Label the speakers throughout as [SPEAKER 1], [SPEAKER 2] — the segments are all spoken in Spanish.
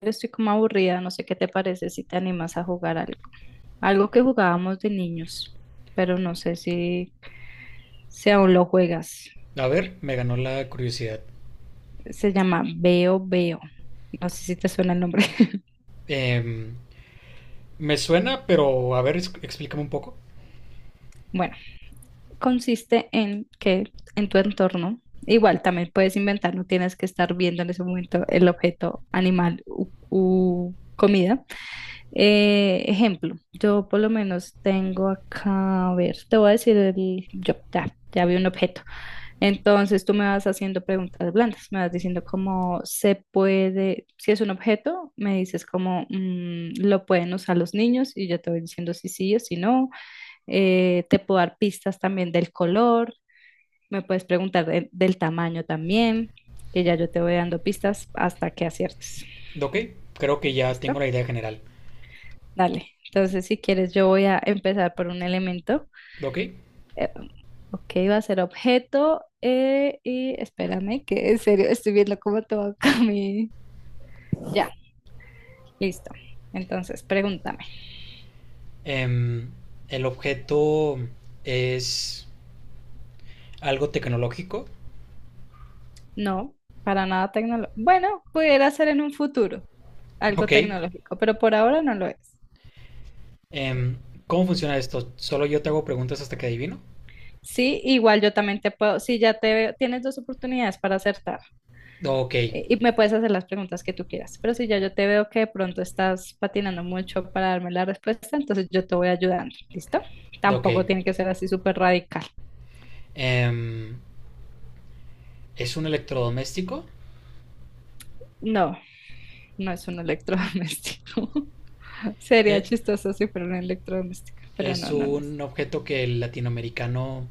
[SPEAKER 1] Estoy como aburrida, no sé qué te parece si te animas a jugar algo. Algo que jugábamos de niños, pero no sé si aún lo juegas.
[SPEAKER 2] A ver, me ganó la curiosidad.
[SPEAKER 1] Se llama Veo Veo. No sé si te suena el nombre.
[SPEAKER 2] Em, Me suena, pero a ver, explícame un poco.
[SPEAKER 1] Bueno, consiste en que en tu entorno, igual también puedes inventar, no tienes que estar viendo en ese momento el objeto animal u comida. Ejemplo, yo por lo menos tengo acá, a ver, te voy a decir ya vi un objeto. Entonces tú me vas haciendo preguntas blandas, me vas diciendo cómo se puede, si es un objeto, me dices cómo lo pueden usar los niños y yo te voy diciendo si sí o si no. Te puedo dar pistas también del color, me puedes preguntar del tamaño también, que ya yo te voy dando pistas hasta que aciertes.
[SPEAKER 2] Ok, creo que ya
[SPEAKER 1] ¿Listo?
[SPEAKER 2] tengo la idea general.
[SPEAKER 1] Dale. Entonces, si quieres, yo voy a empezar por un elemento.
[SPEAKER 2] Ok.
[SPEAKER 1] Eh, ok, va a ser objeto y espérame, que en serio estoy viendo cómo te va a mi, ya, listo. Entonces, pregúntame.
[SPEAKER 2] em, el objeto es algo tecnológico.
[SPEAKER 1] No, para nada tecnológico. Bueno, pudiera ser en un futuro algo
[SPEAKER 2] Ok.
[SPEAKER 1] tecnológico, pero por ahora no lo es.
[SPEAKER 2] em, ¿Cómo funciona esto? ¿Solo yo te hago preguntas hasta que adivino?
[SPEAKER 1] Sí, igual yo también te puedo, si ya te veo, tienes dos oportunidades para acertar,
[SPEAKER 2] Ok,
[SPEAKER 1] y me puedes hacer las preguntas que tú quieras, pero si ya yo te veo que de pronto estás patinando mucho para darme la respuesta, entonces yo te voy ayudando, ¿listo?
[SPEAKER 2] ok.
[SPEAKER 1] Tampoco tiene que ser así súper radical.
[SPEAKER 2] Em, ¿Es un electrodoméstico?
[SPEAKER 1] No, no es un electrodoméstico. Sería
[SPEAKER 2] Eh,
[SPEAKER 1] chistoso si fuera un electrodoméstico, pero
[SPEAKER 2] Es
[SPEAKER 1] no, no lo es.
[SPEAKER 2] un objeto que el latinoamericano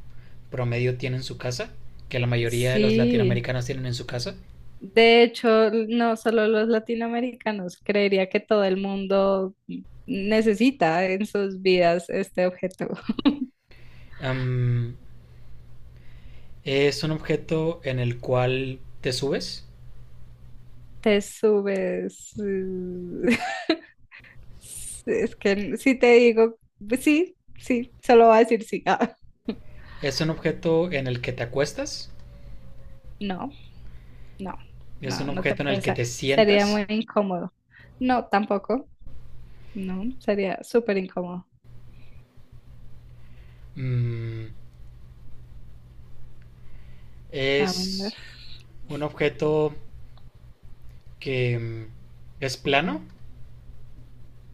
[SPEAKER 2] promedio tiene en su casa, que la mayoría de los
[SPEAKER 1] Sí,
[SPEAKER 2] latinoamericanos tienen en su casa.
[SPEAKER 1] de hecho, no solo los latinoamericanos, creería que todo el mundo necesita en sus vidas este objeto.
[SPEAKER 2] Am, es un objeto en el cual te subes,
[SPEAKER 1] Te subes. Es que si te digo, pues sí, sí, solo va a decir sí. Ah,
[SPEAKER 2] es un objeto en el que te acuestas,
[SPEAKER 1] no, no,
[SPEAKER 2] es
[SPEAKER 1] no,
[SPEAKER 2] un
[SPEAKER 1] no te
[SPEAKER 2] objeto en el que
[SPEAKER 1] piensa.
[SPEAKER 2] te
[SPEAKER 1] Sería
[SPEAKER 2] sientas.
[SPEAKER 1] muy incómodo. No, tampoco. No, sería súper incómodo.
[SPEAKER 2] Mm,
[SPEAKER 1] A ver.
[SPEAKER 2] es un objeto que es plano,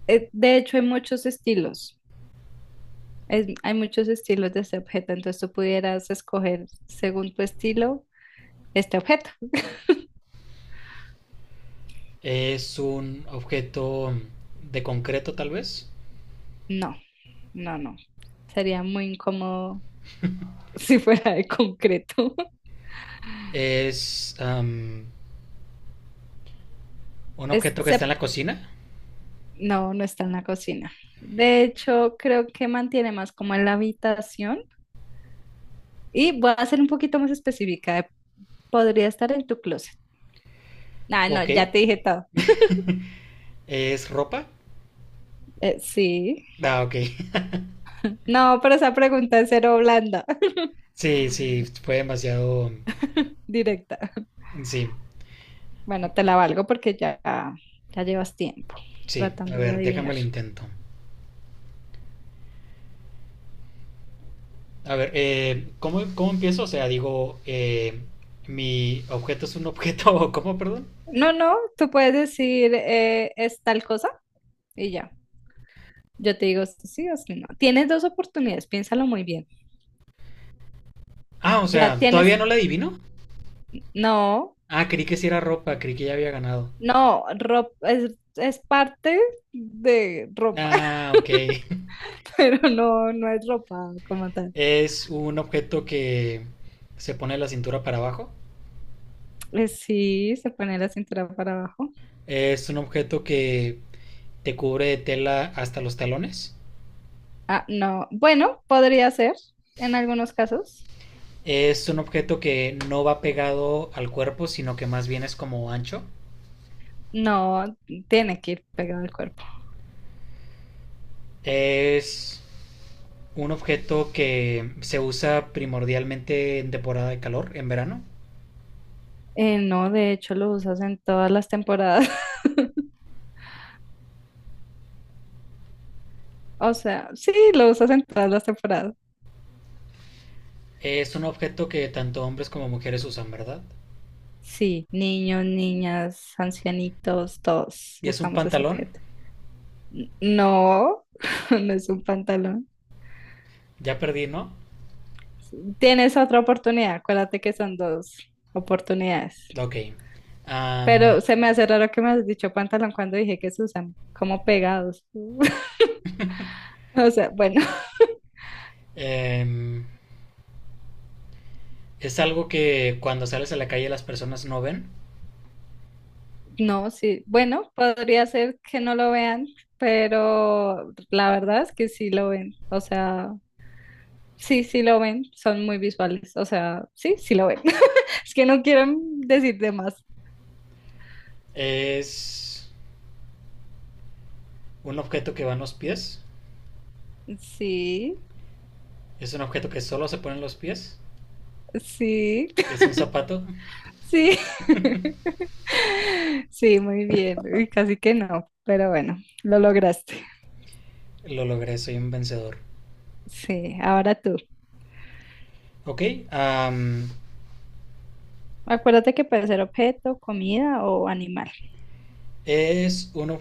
[SPEAKER 1] De hecho, hay muchos estilos. Hay muchos estilos de este objeto, entonces tú pudieras escoger según tu estilo este objeto.
[SPEAKER 2] es un objeto de concreto tal vez,
[SPEAKER 1] No, no, no. Sería muy incómodo si fuera de concreto.
[SPEAKER 2] es un
[SPEAKER 1] Es,
[SPEAKER 2] objeto que está
[SPEAKER 1] se-
[SPEAKER 2] en la cocina.
[SPEAKER 1] no, no está en la cocina. De hecho, creo que mantiene más como en la habitación. Y voy a ser un poquito más específica. Podría estar en tu closet. Ah, no,
[SPEAKER 2] Ok.
[SPEAKER 1] ya te dije todo.
[SPEAKER 2] ¿Es ropa?
[SPEAKER 1] Sí.
[SPEAKER 2] Ah, ok.
[SPEAKER 1] No, pero esa pregunta es cero blanda,
[SPEAKER 2] Sí, sí, fue demasiado…
[SPEAKER 1] directa.
[SPEAKER 2] Sí,
[SPEAKER 1] Bueno, te la valgo porque ya, ya llevas tiempo
[SPEAKER 2] sí. A
[SPEAKER 1] tratando de
[SPEAKER 2] ver, déjame
[SPEAKER 1] adivinar.
[SPEAKER 2] lo intento. A ver, ¿cómo, cómo empiezo? O sea, digo, mi objeto es un objeto, o ¿cómo, perdón?
[SPEAKER 1] No, no, tú puedes decir es tal cosa y ya. Yo te digo si sí o si no. Tienes dos oportunidades, piénsalo muy bien.
[SPEAKER 2] Ah, o
[SPEAKER 1] Ya
[SPEAKER 2] sea, ¿todavía
[SPEAKER 1] tienes,
[SPEAKER 2] no la adivino?
[SPEAKER 1] no,
[SPEAKER 2] Ah, creí que sí era ropa, creí que ya había ganado.
[SPEAKER 1] no, ropa, es parte de ropa,
[SPEAKER 2] Ah, ok.
[SPEAKER 1] pero no, no es ropa como tal.
[SPEAKER 2] Es un objeto que se pone la cintura para abajo.
[SPEAKER 1] Sí, se pone la cintura para abajo.
[SPEAKER 2] Es un objeto que te cubre de tela hasta los talones.
[SPEAKER 1] Ah, no. Bueno, podría ser en algunos casos.
[SPEAKER 2] Es un objeto que no va pegado al cuerpo, sino que más bien es como ancho.
[SPEAKER 1] No, tiene que ir pegado al cuerpo.
[SPEAKER 2] Es un objeto que se usa primordialmente en temporada de calor, en verano.
[SPEAKER 1] No, de hecho lo usas en todas las temporadas. O sea, sí, lo usas en todas las temporadas.
[SPEAKER 2] Es un objeto que tanto hombres como mujeres usan, ¿verdad?
[SPEAKER 1] Sí, niños, niñas, ancianitos, todos
[SPEAKER 2] Y es un
[SPEAKER 1] usamos ese
[SPEAKER 2] pantalón.
[SPEAKER 1] objeto. No, no es un pantalón.
[SPEAKER 2] Ya perdí, ¿no?
[SPEAKER 1] Tienes otra oportunidad, acuérdate que son dos oportunidades.
[SPEAKER 2] Ok. Am,
[SPEAKER 1] Pero se me hace raro que me has dicho pantalón cuando dije que se usan como pegados. O sea, bueno.
[SPEAKER 2] em, es algo que cuando sales a la calle las personas no ven.
[SPEAKER 1] No, sí, bueno, podría ser que no lo vean, pero la verdad es que sí lo ven, o sea, sí, sí lo ven, son muy visuales, o sea, sí, sí lo ven. Es que no quieren decir de más.
[SPEAKER 2] Es un objeto que va en los pies.
[SPEAKER 1] Sí,
[SPEAKER 2] Es un objeto que solo se pone en los pies.
[SPEAKER 1] sí,
[SPEAKER 2] Es un zapato.
[SPEAKER 1] sí. Sí, muy bien, uy, casi que no, pero bueno, lo lograste.
[SPEAKER 2] Lo logré, soy un vencedor.
[SPEAKER 1] Sí, ahora tú.
[SPEAKER 2] Ok, am,
[SPEAKER 1] Acuérdate que puede ser objeto, comida o animal.
[SPEAKER 2] es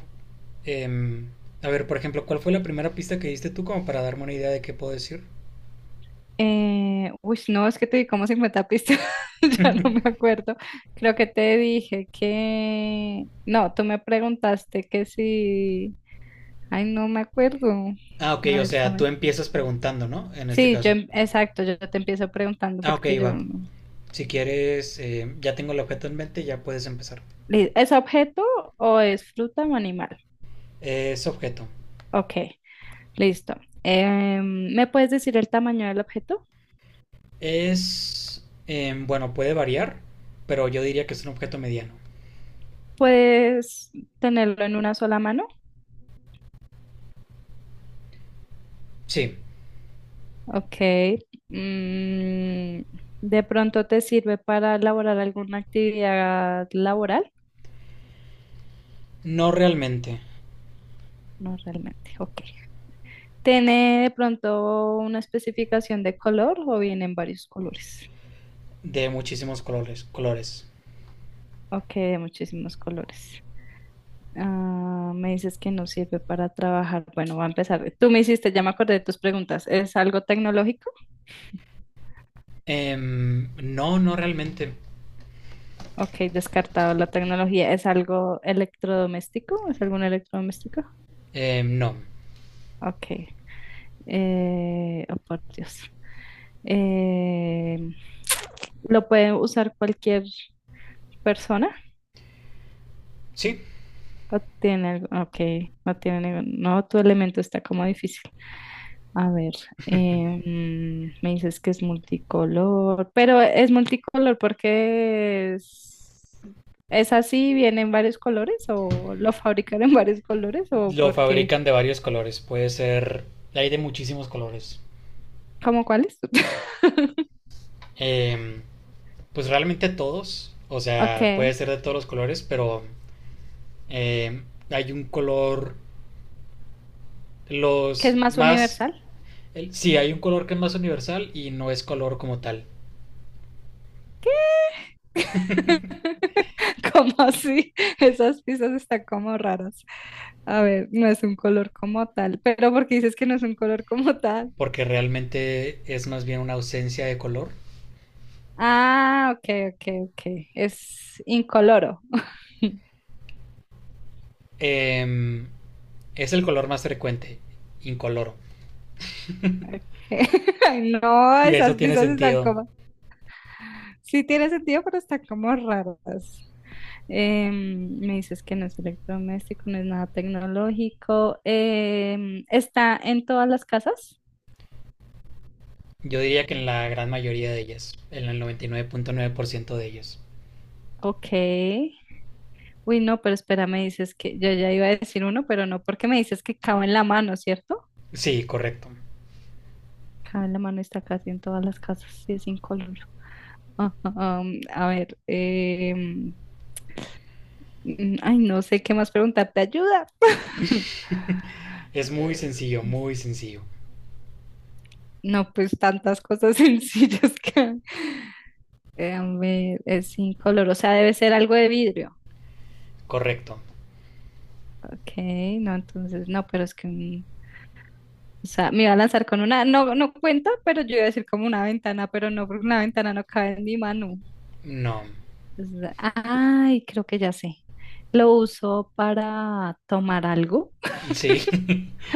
[SPEAKER 2] em, a ver, por ejemplo, ¿cuál fue la primera pista que diste tú como para darme una idea de qué puedo decir?
[SPEAKER 1] Uy, no, es que te di como 50 pistas, ya no me acuerdo. Creo que te dije que... No, tú me preguntaste que si... Ay, no me acuerdo.
[SPEAKER 2] Ah, ok,
[SPEAKER 1] No,
[SPEAKER 2] o
[SPEAKER 1] es- a
[SPEAKER 2] sea, tú
[SPEAKER 1] ver.
[SPEAKER 2] empiezas preguntando, ¿no? En este
[SPEAKER 1] Sí, yo,
[SPEAKER 2] caso.
[SPEAKER 1] exacto, yo te empiezo preguntando
[SPEAKER 2] Ah, ok,
[SPEAKER 1] porque yo...
[SPEAKER 2] va.
[SPEAKER 1] no-
[SPEAKER 2] Si quieres, ya tengo el objeto en mente, ya puedes empezar.
[SPEAKER 1] ¿Es objeto o es fruta o animal?
[SPEAKER 2] Es objeto.
[SPEAKER 1] Ok, listo. ¿Me puedes decir el tamaño del objeto?
[SPEAKER 2] Bueno, puede variar, pero yo diría que es un objeto mediano.
[SPEAKER 1] ¿Puedes tenerlo en una sola mano?
[SPEAKER 2] Sí,
[SPEAKER 1] Ok. Mm, ¿De pronto te sirve para elaborar alguna actividad laboral?
[SPEAKER 2] no realmente.
[SPEAKER 1] No realmente. Ok. ¿Tiene de pronto una especificación de color o vienen varios colores?
[SPEAKER 2] De muchísimos colores, colores.
[SPEAKER 1] Ok, de muchísimos colores. Ah, me dices que no sirve para trabajar. Bueno, va a empezar. Tú me hiciste, ya me acordé de tus preguntas. ¿Es algo tecnológico?
[SPEAKER 2] No, no realmente.
[SPEAKER 1] Ok, descartado la tecnología. ¿Es algo electrodoméstico? ¿Es algún electrodoméstico?
[SPEAKER 2] No.
[SPEAKER 1] Ok. Oh, por Dios. Eh, ¿Lo puede usar cualquier persona?
[SPEAKER 2] Sí,
[SPEAKER 1] ¿O tiene algo? Ok, no tiene no, tu elemento está como difícil. A ver, me dices que es multicolor, pero es multicolor porque es así, viene en varios colores o lo fabrican en varios colores o
[SPEAKER 2] lo
[SPEAKER 1] porque,
[SPEAKER 2] fabrican de varios colores. Puede ser. Hay de muchísimos colores.
[SPEAKER 1] ¿cómo cuáles?
[SPEAKER 2] Eh, pues realmente todos. O
[SPEAKER 1] Ok,
[SPEAKER 2] sea,
[SPEAKER 1] que
[SPEAKER 2] puede ser de todos los colores, pero eh, hay un color.
[SPEAKER 1] es
[SPEAKER 2] Los
[SPEAKER 1] más
[SPEAKER 2] más.
[SPEAKER 1] universal.
[SPEAKER 2] Sí, hay un color que es más universal y no es color como tal.
[SPEAKER 1] ¿Cómo así? Esas piezas están como raras. A ver, no es un color como tal. Pero porque dices que no es un color como tal.
[SPEAKER 2] Porque realmente es más bien una ausencia de color.
[SPEAKER 1] Ah, ok, ok, ok. Es incoloro.
[SPEAKER 2] Em, es el color más frecuente, incoloro.
[SPEAKER 1] Ay, no,
[SPEAKER 2] Y eso
[SPEAKER 1] esas
[SPEAKER 2] tiene
[SPEAKER 1] piezas están
[SPEAKER 2] sentido.
[SPEAKER 1] como. Sí tiene sentido, pero están como raras. Me dices que no es electrodoméstico, no es nada tecnológico. ¿Está en todas las casas?
[SPEAKER 2] Yo diría que en la gran mayoría de ellas, en el 99.9% de ellas.
[SPEAKER 1] Ok. Uy, no, pero espera, me dices que yo ya iba a decir uno, pero no, porque me dices que cabe en la mano, ¿cierto?
[SPEAKER 2] Sí, correcto.
[SPEAKER 1] Cabe en la mano, está casi en todas las casas y es incoloro. A ver, ay, no sé qué más preguntarte, ayuda.
[SPEAKER 2] Es muy
[SPEAKER 1] Eh,
[SPEAKER 2] sencillo, muy sencillo.
[SPEAKER 1] no, pues tantas cosas sencillas que a ver, es incoloro, o sea, debe ser algo de vidrio.
[SPEAKER 2] Correcto.
[SPEAKER 1] Ok, no, entonces, no, pero es que o sea, me iba a lanzar con una, no, no cuenta, pero yo iba a decir como una ventana, pero no, porque una ventana no cabe en mi mano.
[SPEAKER 2] No.
[SPEAKER 1] Entonces, ay, creo que ya sé. Lo uso para tomar algo,
[SPEAKER 2] Sí,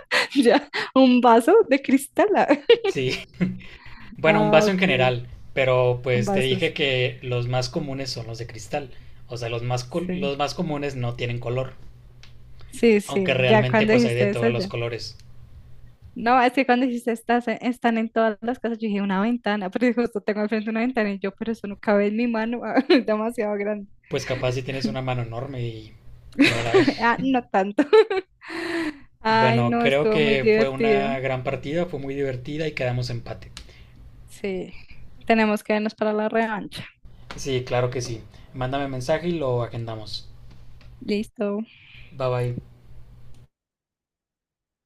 [SPEAKER 1] ya, un vaso de cristal.
[SPEAKER 2] sí. Bueno, un
[SPEAKER 1] Ah,
[SPEAKER 2] vaso en
[SPEAKER 1] ok,
[SPEAKER 2] general, pero
[SPEAKER 1] un
[SPEAKER 2] pues te
[SPEAKER 1] vaso,
[SPEAKER 2] dije
[SPEAKER 1] sí.
[SPEAKER 2] que los más comunes son los de cristal. O sea, los más,
[SPEAKER 1] Sí,
[SPEAKER 2] los más comunes no tienen color,
[SPEAKER 1] sí,
[SPEAKER 2] aunque
[SPEAKER 1] sí, ya
[SPEAKER 2] realmente
[SPEAKER 1] cuando
[SPEAKER 2] pues hay de
[SPEAKER 1] dijiste eso,
[SPEAKER 2] todos los
[SPEAKER 1] ya.
[SPEAKER 2] colores.
[SPEAKER 1] No, es que cuando dijiste están en todas las casas, yo dije una ventana, pero justo tengo al frente una ventana y yo, pero eso no cabe en mi mano, demasiado grande.
[SPEAKER 2] Pues capaz si tienes una mano enorme y no la ves.
[SPEAKER 1] Ah, no tanto. Ay,
[SPEAKER 2] Bueno,
[SPEAKER 1] no,
[SPEAKER 2] creo
[SPEAKER 1] estuvo muy
[SPEAKER 2] que fue
[SPEAKER 1] divertido.
[SPEAKER 2] una gran partida, fue muy divertida y quedamos empate.
[SPEAKER 1] Sí, tenemos que vernos para la revancha.
[SPEAKER 2] Sí, claro que sí. Mándame mensaje y lo agendamos.
[SPEAKER 1] Listo.
[SPEAKER 2] Bye bye.